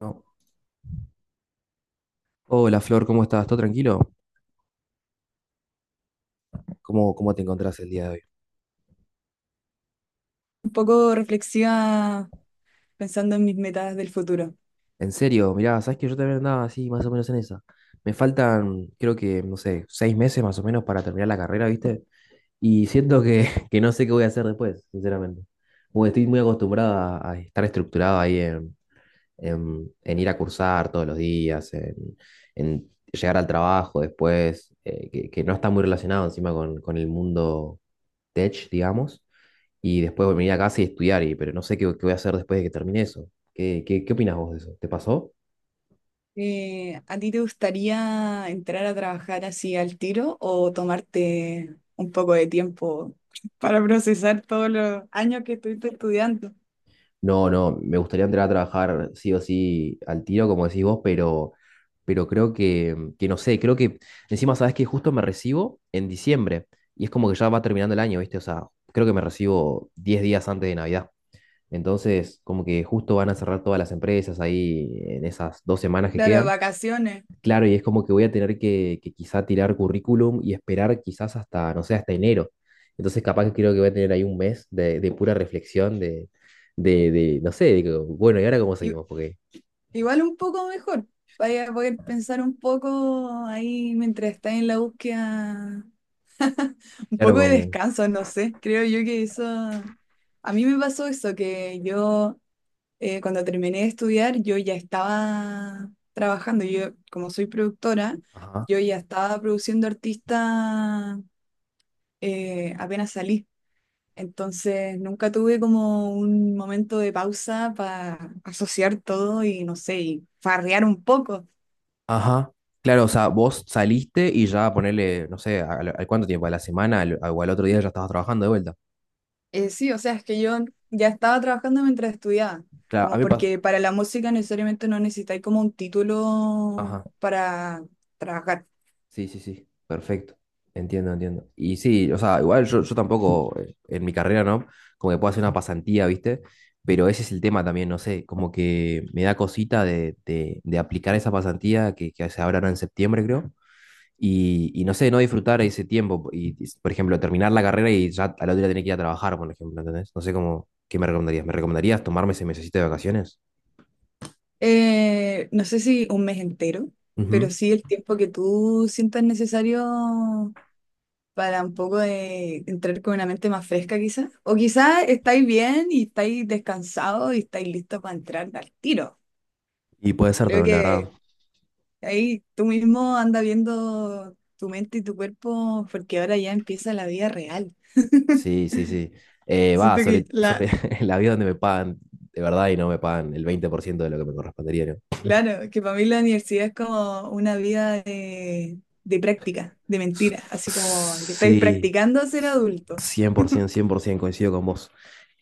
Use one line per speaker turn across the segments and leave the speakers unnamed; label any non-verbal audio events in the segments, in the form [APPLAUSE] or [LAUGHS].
No. Hola Flor, ¿cómo estás? ¿Todo tranquilo? ¿Cómo te encontrás el día de hoy?
Un poco reflexiva pensando en mis metas del futuro.
En serio, mirá, sabes que yo también andaba así, más o menos en esa. Me faltan, creo que, no sé, seis meses más o menos para terminar la carrera, ¿viste? Y siento que, [LAUGHS] que no sé qué voy a hacer después, sinceramente. Porque estoy muy acostumbrada a estar estructurado ahí en, en ir a cursar todos los días, en llegar al trabajo después, que, no está muy relacionado encima con el mundo tech, digamos, y después venir a casa y estudiar, y, pero no sé qué, qué voy a hacer después de que termine eso. ¿Qué, qué, qué opinas vos de eso? ¿Te pasó?
¿A ti te gustaría entrar a trabajar así al tiro o tomarte un poco de tiempo [LAUGHS] para procesar todos los años que estuviste estudiando?
No, no, me gustaría entrar a trabajar sí o sí al tiro, como decís vos, pero creo que no sé, creo que encima sabes que justo me recibo en diciembre y es como que ya va terminando el año, ¿viste? O sea, creo que me recibo 10 días antes de Navidad. Entonces, como que justo van a cerrar todas las empresas ahí en esas dos semanas que
Claro,
quedan.
vacaciones.
Claro, y es como que voy a tener que quizá tirar currículum y esperar quizás hasta, no sé, hasta enero. Entonces capaz que creo que voy a tener ahí un mes de pura reflexión, de, no sé, de que, bueno, ¿y ahora cómo
I-
seguimos? Porque,
Igual un poco mejor. Vaya a poder pensar un poco ahí mientras estás en la búsqueda. Un
claro,
poco de
como...
descanso, no sé. Creo yo que eso... A mí me pasó eso, que yo cuando terminé de estudiar, yo ya estaba trabajando. Yo, como soy productora,
Ajá,
yo ya estaba produciendo artistas apenas salí. Entonces, nunca tuve como un momento de pausa para asociar todo y, no sé, y farrear un poco.
ajá. Claro, o sea, vos saliste y ya ponerle, no sé, al, al cuánto tiempo, a la semana al- o al otro día ya estabas trabajando de vuelta.
Sí, o sea, es que yo ya estaba trabajando mientras estudiaba.
Claro, a
Como
mí pasa.
porque para la música necesariamente no necesitáis como un título
Ajá.
para trabajar.
Sí, sí, sí, perfecto. Entiendo, entiendo. Y sí, o sea, igual yo, yo tampoco en mi carrera, ¿no? Como que puedo hacer una pasantía, ¿viste? Pero ese es el tema también, no sé, como que me da cosita de aplicar esa pasantía que se abrirá en septiembre, creo. Y no sé, no disfrutar ese tiempo. Y, por ejemplo, terminar la carrera y ya al otro día tener que ir a trabajar, por ejemplo, ¿entendés? No sé cómo, ¿qué me recomendarías? ¿Me recomendarías tomarme ese mesecito de vacaciones?
No sé si un mes entero, pero
Ujú.
sí el tiempo que tú sientas necesario para un poco de entrar con una mente más fresca quizás. O quizás estáis bien y estáis descansados y estáis listos para entrar al tiro.
Y puede ser
Creo
también, la
que
verdad.
ahí tú mismo anda viendo tu mente y tu cuerpo porque ahora ya empieza la vida real.
Sí,
[LAUGHS]
sí, sí. Va,
Siento que
sobre, sobre
la,
[LAUGHS] el avión donde me pagan, de verdad, y no me pagan el 20% de lo que me correspondería. ¿No?
Claro, que para mí la universidad es como una vida de práctica, de mentira, así
S-
como que estáis
Sí,
practicando a ser adulto.
cien por
[LAUGHS]
100% coincido con vos.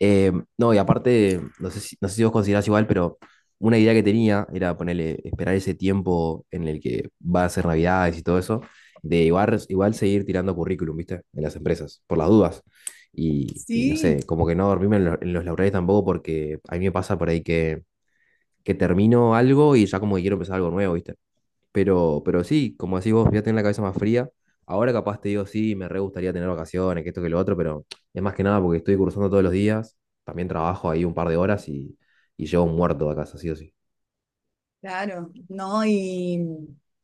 Eh, no, y aparte, no sé si, no sé si vos considerás igual, pero una idea que tenía era ponerle, esperar ese tiempo en el que va a ser Navidades y todo eso, de igual, igual seguir tirando currículum, ¿viste? En las empresas, por las dudas. Y no sé,
Sí,
como que no dormirme en, lo- en los laureles tampoco, porque a mí me pasa por ahí que termino algo y ya como que quiero empezar algo nuevo, ¿viste? Pero sí, como decís vos, ya tenés la cabeza más fría. Ahora capaz te digo, sí, me re gustaría tener vacaciones, que esto, que lo otro, pero es más que nada porque estoy cursando todos los días, también trabajo ahí un par de horas y llego muerto a casa, sí o sí.
claro, no,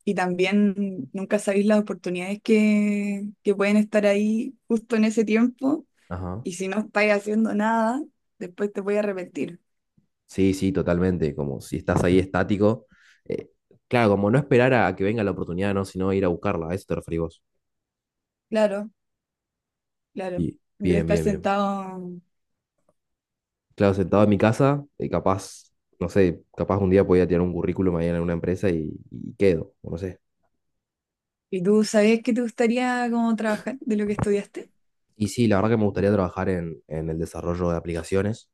y también nunca sabéis las oportunidades que pueden estar ahí justo en ese tiempo,
Ajá.
y si no estáis haciendo nada, después te voy a arrepentir.
Sí, sí, totalmente, como si estás ahí estático. eh, claro, como no esperar a que venga la oportunidad, ¿no? Sino ir a buscarla, a eso te referís vos.
Claro, claro,
Y,
en vez de
bien,
estar
bien, bien.
sentado.
Claro, sentado en mi casa, capaz, no sé, capaz un día podía tirar un currículum ahí en una empresa y quedo, o no sé.
¿Y tú sabías que te gustaría como trabajar de lo que estudiaste?
Y sí, la verdad que me gustaría trabajar en el desarrollo de aplicaciones.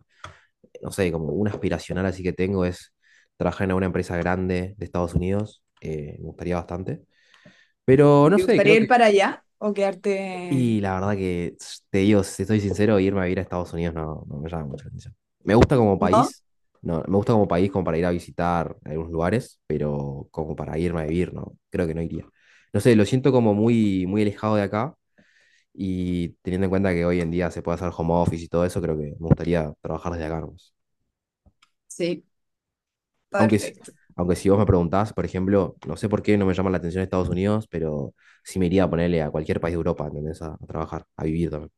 No sé, como un aspiracional así que tengo es trabajar en una empresa grande de Estados Unidos. Me gustaría bastante. Pero no
¿Te
sé, creo
gustaría
que...
ir para allá o
Y
quedarte?
la verdad que, s- te digo, si soy sincero, irme a vivir a Estados Unidos no, no me llama mucho la atención. Me gusta como
¿No?
país, no, me gusta como país como para ir a visitar algunos lugares, pero como para irme a vivir, no, creo que no iría. No sé, lo siento como muy, muy alejado de acá. Y teniendo en cuenta que hoy en día se puede hacer home office y todo eso, creo que me gustaría trabajar desde acá. Nomás.
Sí,
Aunque, s-
perfecto.
aunque si vos me preguntás, por ejemplo, no sé por qué no me llama la atención Estados Unidos, pero sí me iría a ponerle a cualquier país de Europa, ¿entendés? A trabajar, a vivir también.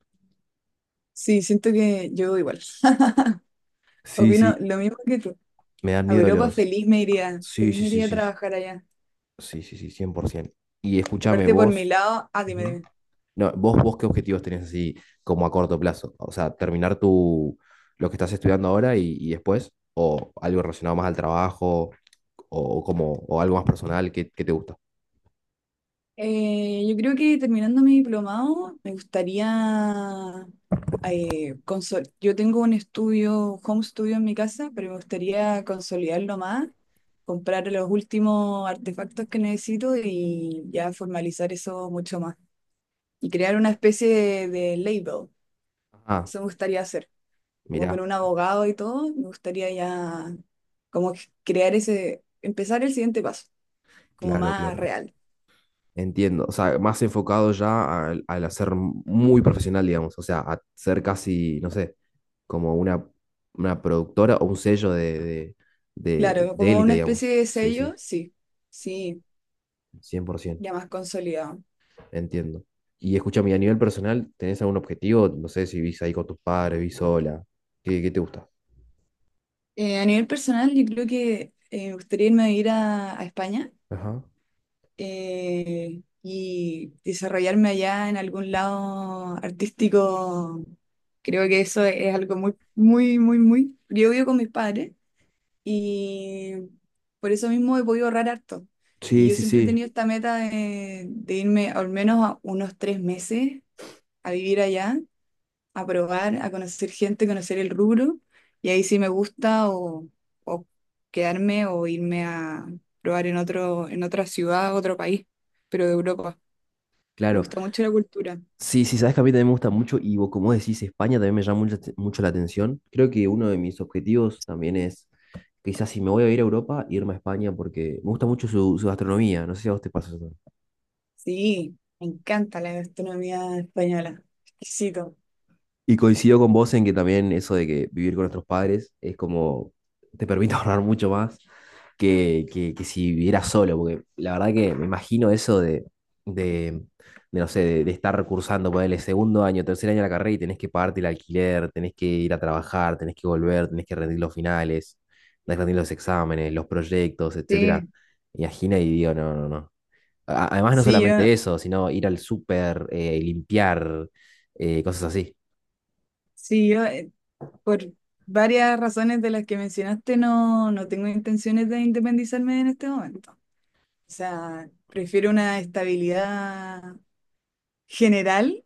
Sí, siento que yo igual. [LAUGHS]
Sí,
Opino
sí,
lo mismo que tú.
me dan
A
miedo
Europa
los...
feliz me iría.
Sí,
Feliz
sí,
me
sí,
iría a
sí,
trabajar allá.
sí, sí, sí, 100%. Y escúchame
Aparte por mi
vos,
lado, ah, dime,
Ujú.
dime.
No, vos, vos qué objetivos tenés así como a corto plazo? O sea, terminar tu, lo que estás estudiando ahora y después, o algo relacionado más al trabajo, o como o algo más personal que te gusta.
Yo creo que terminando mi diplomado me gustaría yo tengo un estudio, home studio en mi casa, pero me gustaría consolidarlo más, comprar los últimos artefactos que necesito y ya formalizar eso mucho más, y crear una especie de label.
Ah,
Eso me gustaría hacer, como con
mirá,
un abogado y todo, me gustaría ya como crear ese, empezar el siguiente paso, como
claro,
más
claro.
real.
Entiendo. O sea, más enfocado ya al, al hacer muy profesional, digamos. O sea, a ser casi, no sé, como una productora o un sello
Claro,
de
como
élite,
una especie
digamos.
de
Sí, sí,
sello, sí, sí,
100%.
ya más consolidado.
Entiendo. Y escúchame, y a nivel personal, ¿tenés algún objetivo? No sé si vivís ahí con tus padres, vivís sola. ¿Qué, qué te gusta?
A nivel personal, yo creo que me gustaría irme a ir a España
Ajá.
y desarrollarme allá en algún lado artístico. Creo que eso es algo muy, muy, muy, muy. Yo vivo con mis padres y por eso mismo he podido ahorrar harto. Y
Sí,
yo
sí,
siempre he
sí,
tenido esta meta de irme al menos a unos 3 meses a vivir allá, a probar, a conocer gente, conocer el rubro. Y ahí sí me gusta o quedarme o irme a probar en otro, en otra ciudad, otro país, pero de Europa. Me
claro.
gusta mucho la cultura.
Sí, sí, sabes que a mí también me gusta mucho y vos, como decís, España también me llama mucho, mucho la atención. Creo que uno de mis objetivos también es, quizás si me voy a ir a Europa, irme a España porque me gusta mucho su, su gastronomía. No sé si a vos te pasa eso.
Sí, me encanta la gastronomía española. Exquisito.
Y coincido con vos en que también eso de que vivir con nuestros padres es como, te permite [LAUGHS] ahorrar mucho más que si vivieras solo, porque la verdad que me imagino eso de, de, no sé, de estar cursando, ponerle segundo año, tercer año de la carrera y tenés que pagarte el alquiler, tenés que ir a trabajar, tenés que volver, tenés que rendir los finales, tenés que rendir los exámenes, los proyectos, etcétera.
Sí,
Me Imagino y digo, no, no, no. A- Además, no
sí, yo,
solamente eso, sino ir al súper, limpiar, cosas así.
sí, yo. Por varias razones de las que mencionaste, no, no tengo intenciones de independizarme en este momento. O sea, prefiero una estabilidad general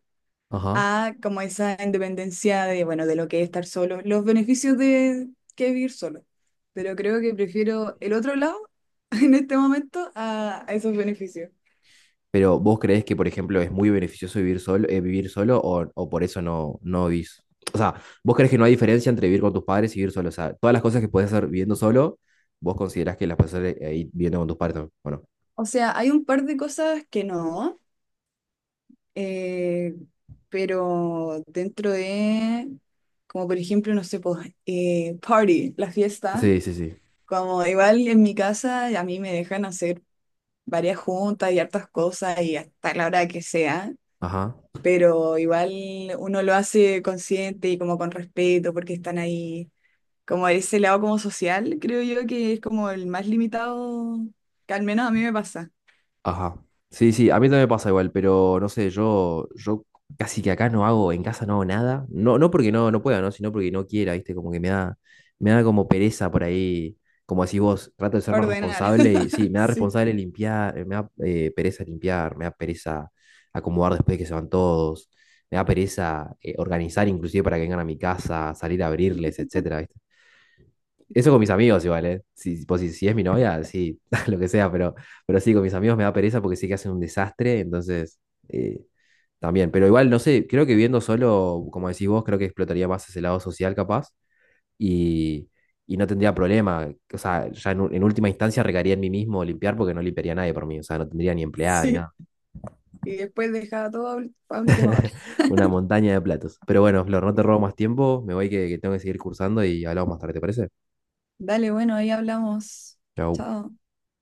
Ajá.
a como esa independencia de, bueno, de lo que es estar solo, los beneficios de que es vivir solo. Pero creo que prefiero el otro lado [LAUGHS] en este momento a esos beneficios.
Pero ¿vos creés que, por ejemplo, es muy beneficioso vivir solo o por eso no, no vivís? O sea, ¿vos creés que no hay diferencia entre vivir con tus padres y vivir solo? O sea, todas las cosas que puedes hacer viviendo solo, vos considerás que las puedes hacer ahí viviendo con tus padres también, ¿o no?
O sea, hay un par de cosas que no. Eh, pero dentro de, como por ejemplo, no sé, pues, party, la fiesta,
Sí, sí, sí.
como igual en mi casa a mí me dejan hacer varias juntas y hartas cosas y hasta la hora que sea,
Ajá.
pero igual uno lo hace consciente y como con respeto porque están ahí, como ese lado como social, creo yo que es como el más limitado, que al menos a mí me pasa,
Ajá. Sí, sí, a mí también me pasa igual, pero no sé, yo casi que acá no hago, en casa no hago nada. No, no porque no, no pueda, ¿no? Sino porque no quiera, ¿viste? Como que me da como pereza por ahí. Como decís vos, trato de ser más
ordenar,
responsable y sí,
[LAUGHS]
me da
sí,
responsable limpiar, me da pereza limpiar, me da pereza acomodar después de que se van todos, me da pereza organizar inclusive para que vengan a mi casa, salir a abrirles, etcétera, ¿viste? Eso con mis amigos igual, ¿eh? Si, pues, si, si es mi novia, sí, [LAUGHS] lo que sea, pero sí, con mis amigos me da pereza porque sí que hacen un desastre, entonces eh, también. Pero igual, no sé, creo que viendo solo, como decís vos, creo que explotaría más ese lado social capaz y, y no tendría problema. O sea, ya en, u- en última instancia recaería en mí mismo limpiar porque no limpiaría a nadie por mí, o sea, no tendría ni empleada ni
sí,
nada.
y después dejar todo a a última hora.
Una montaña de platos. Pero bueno, Flor, no te robo más tiempo, me voy que tengo que seguir cursando y hablamos más tarde, ¿te parece?
Dale, bueno, ahí hablamos.
Chau.
Chao.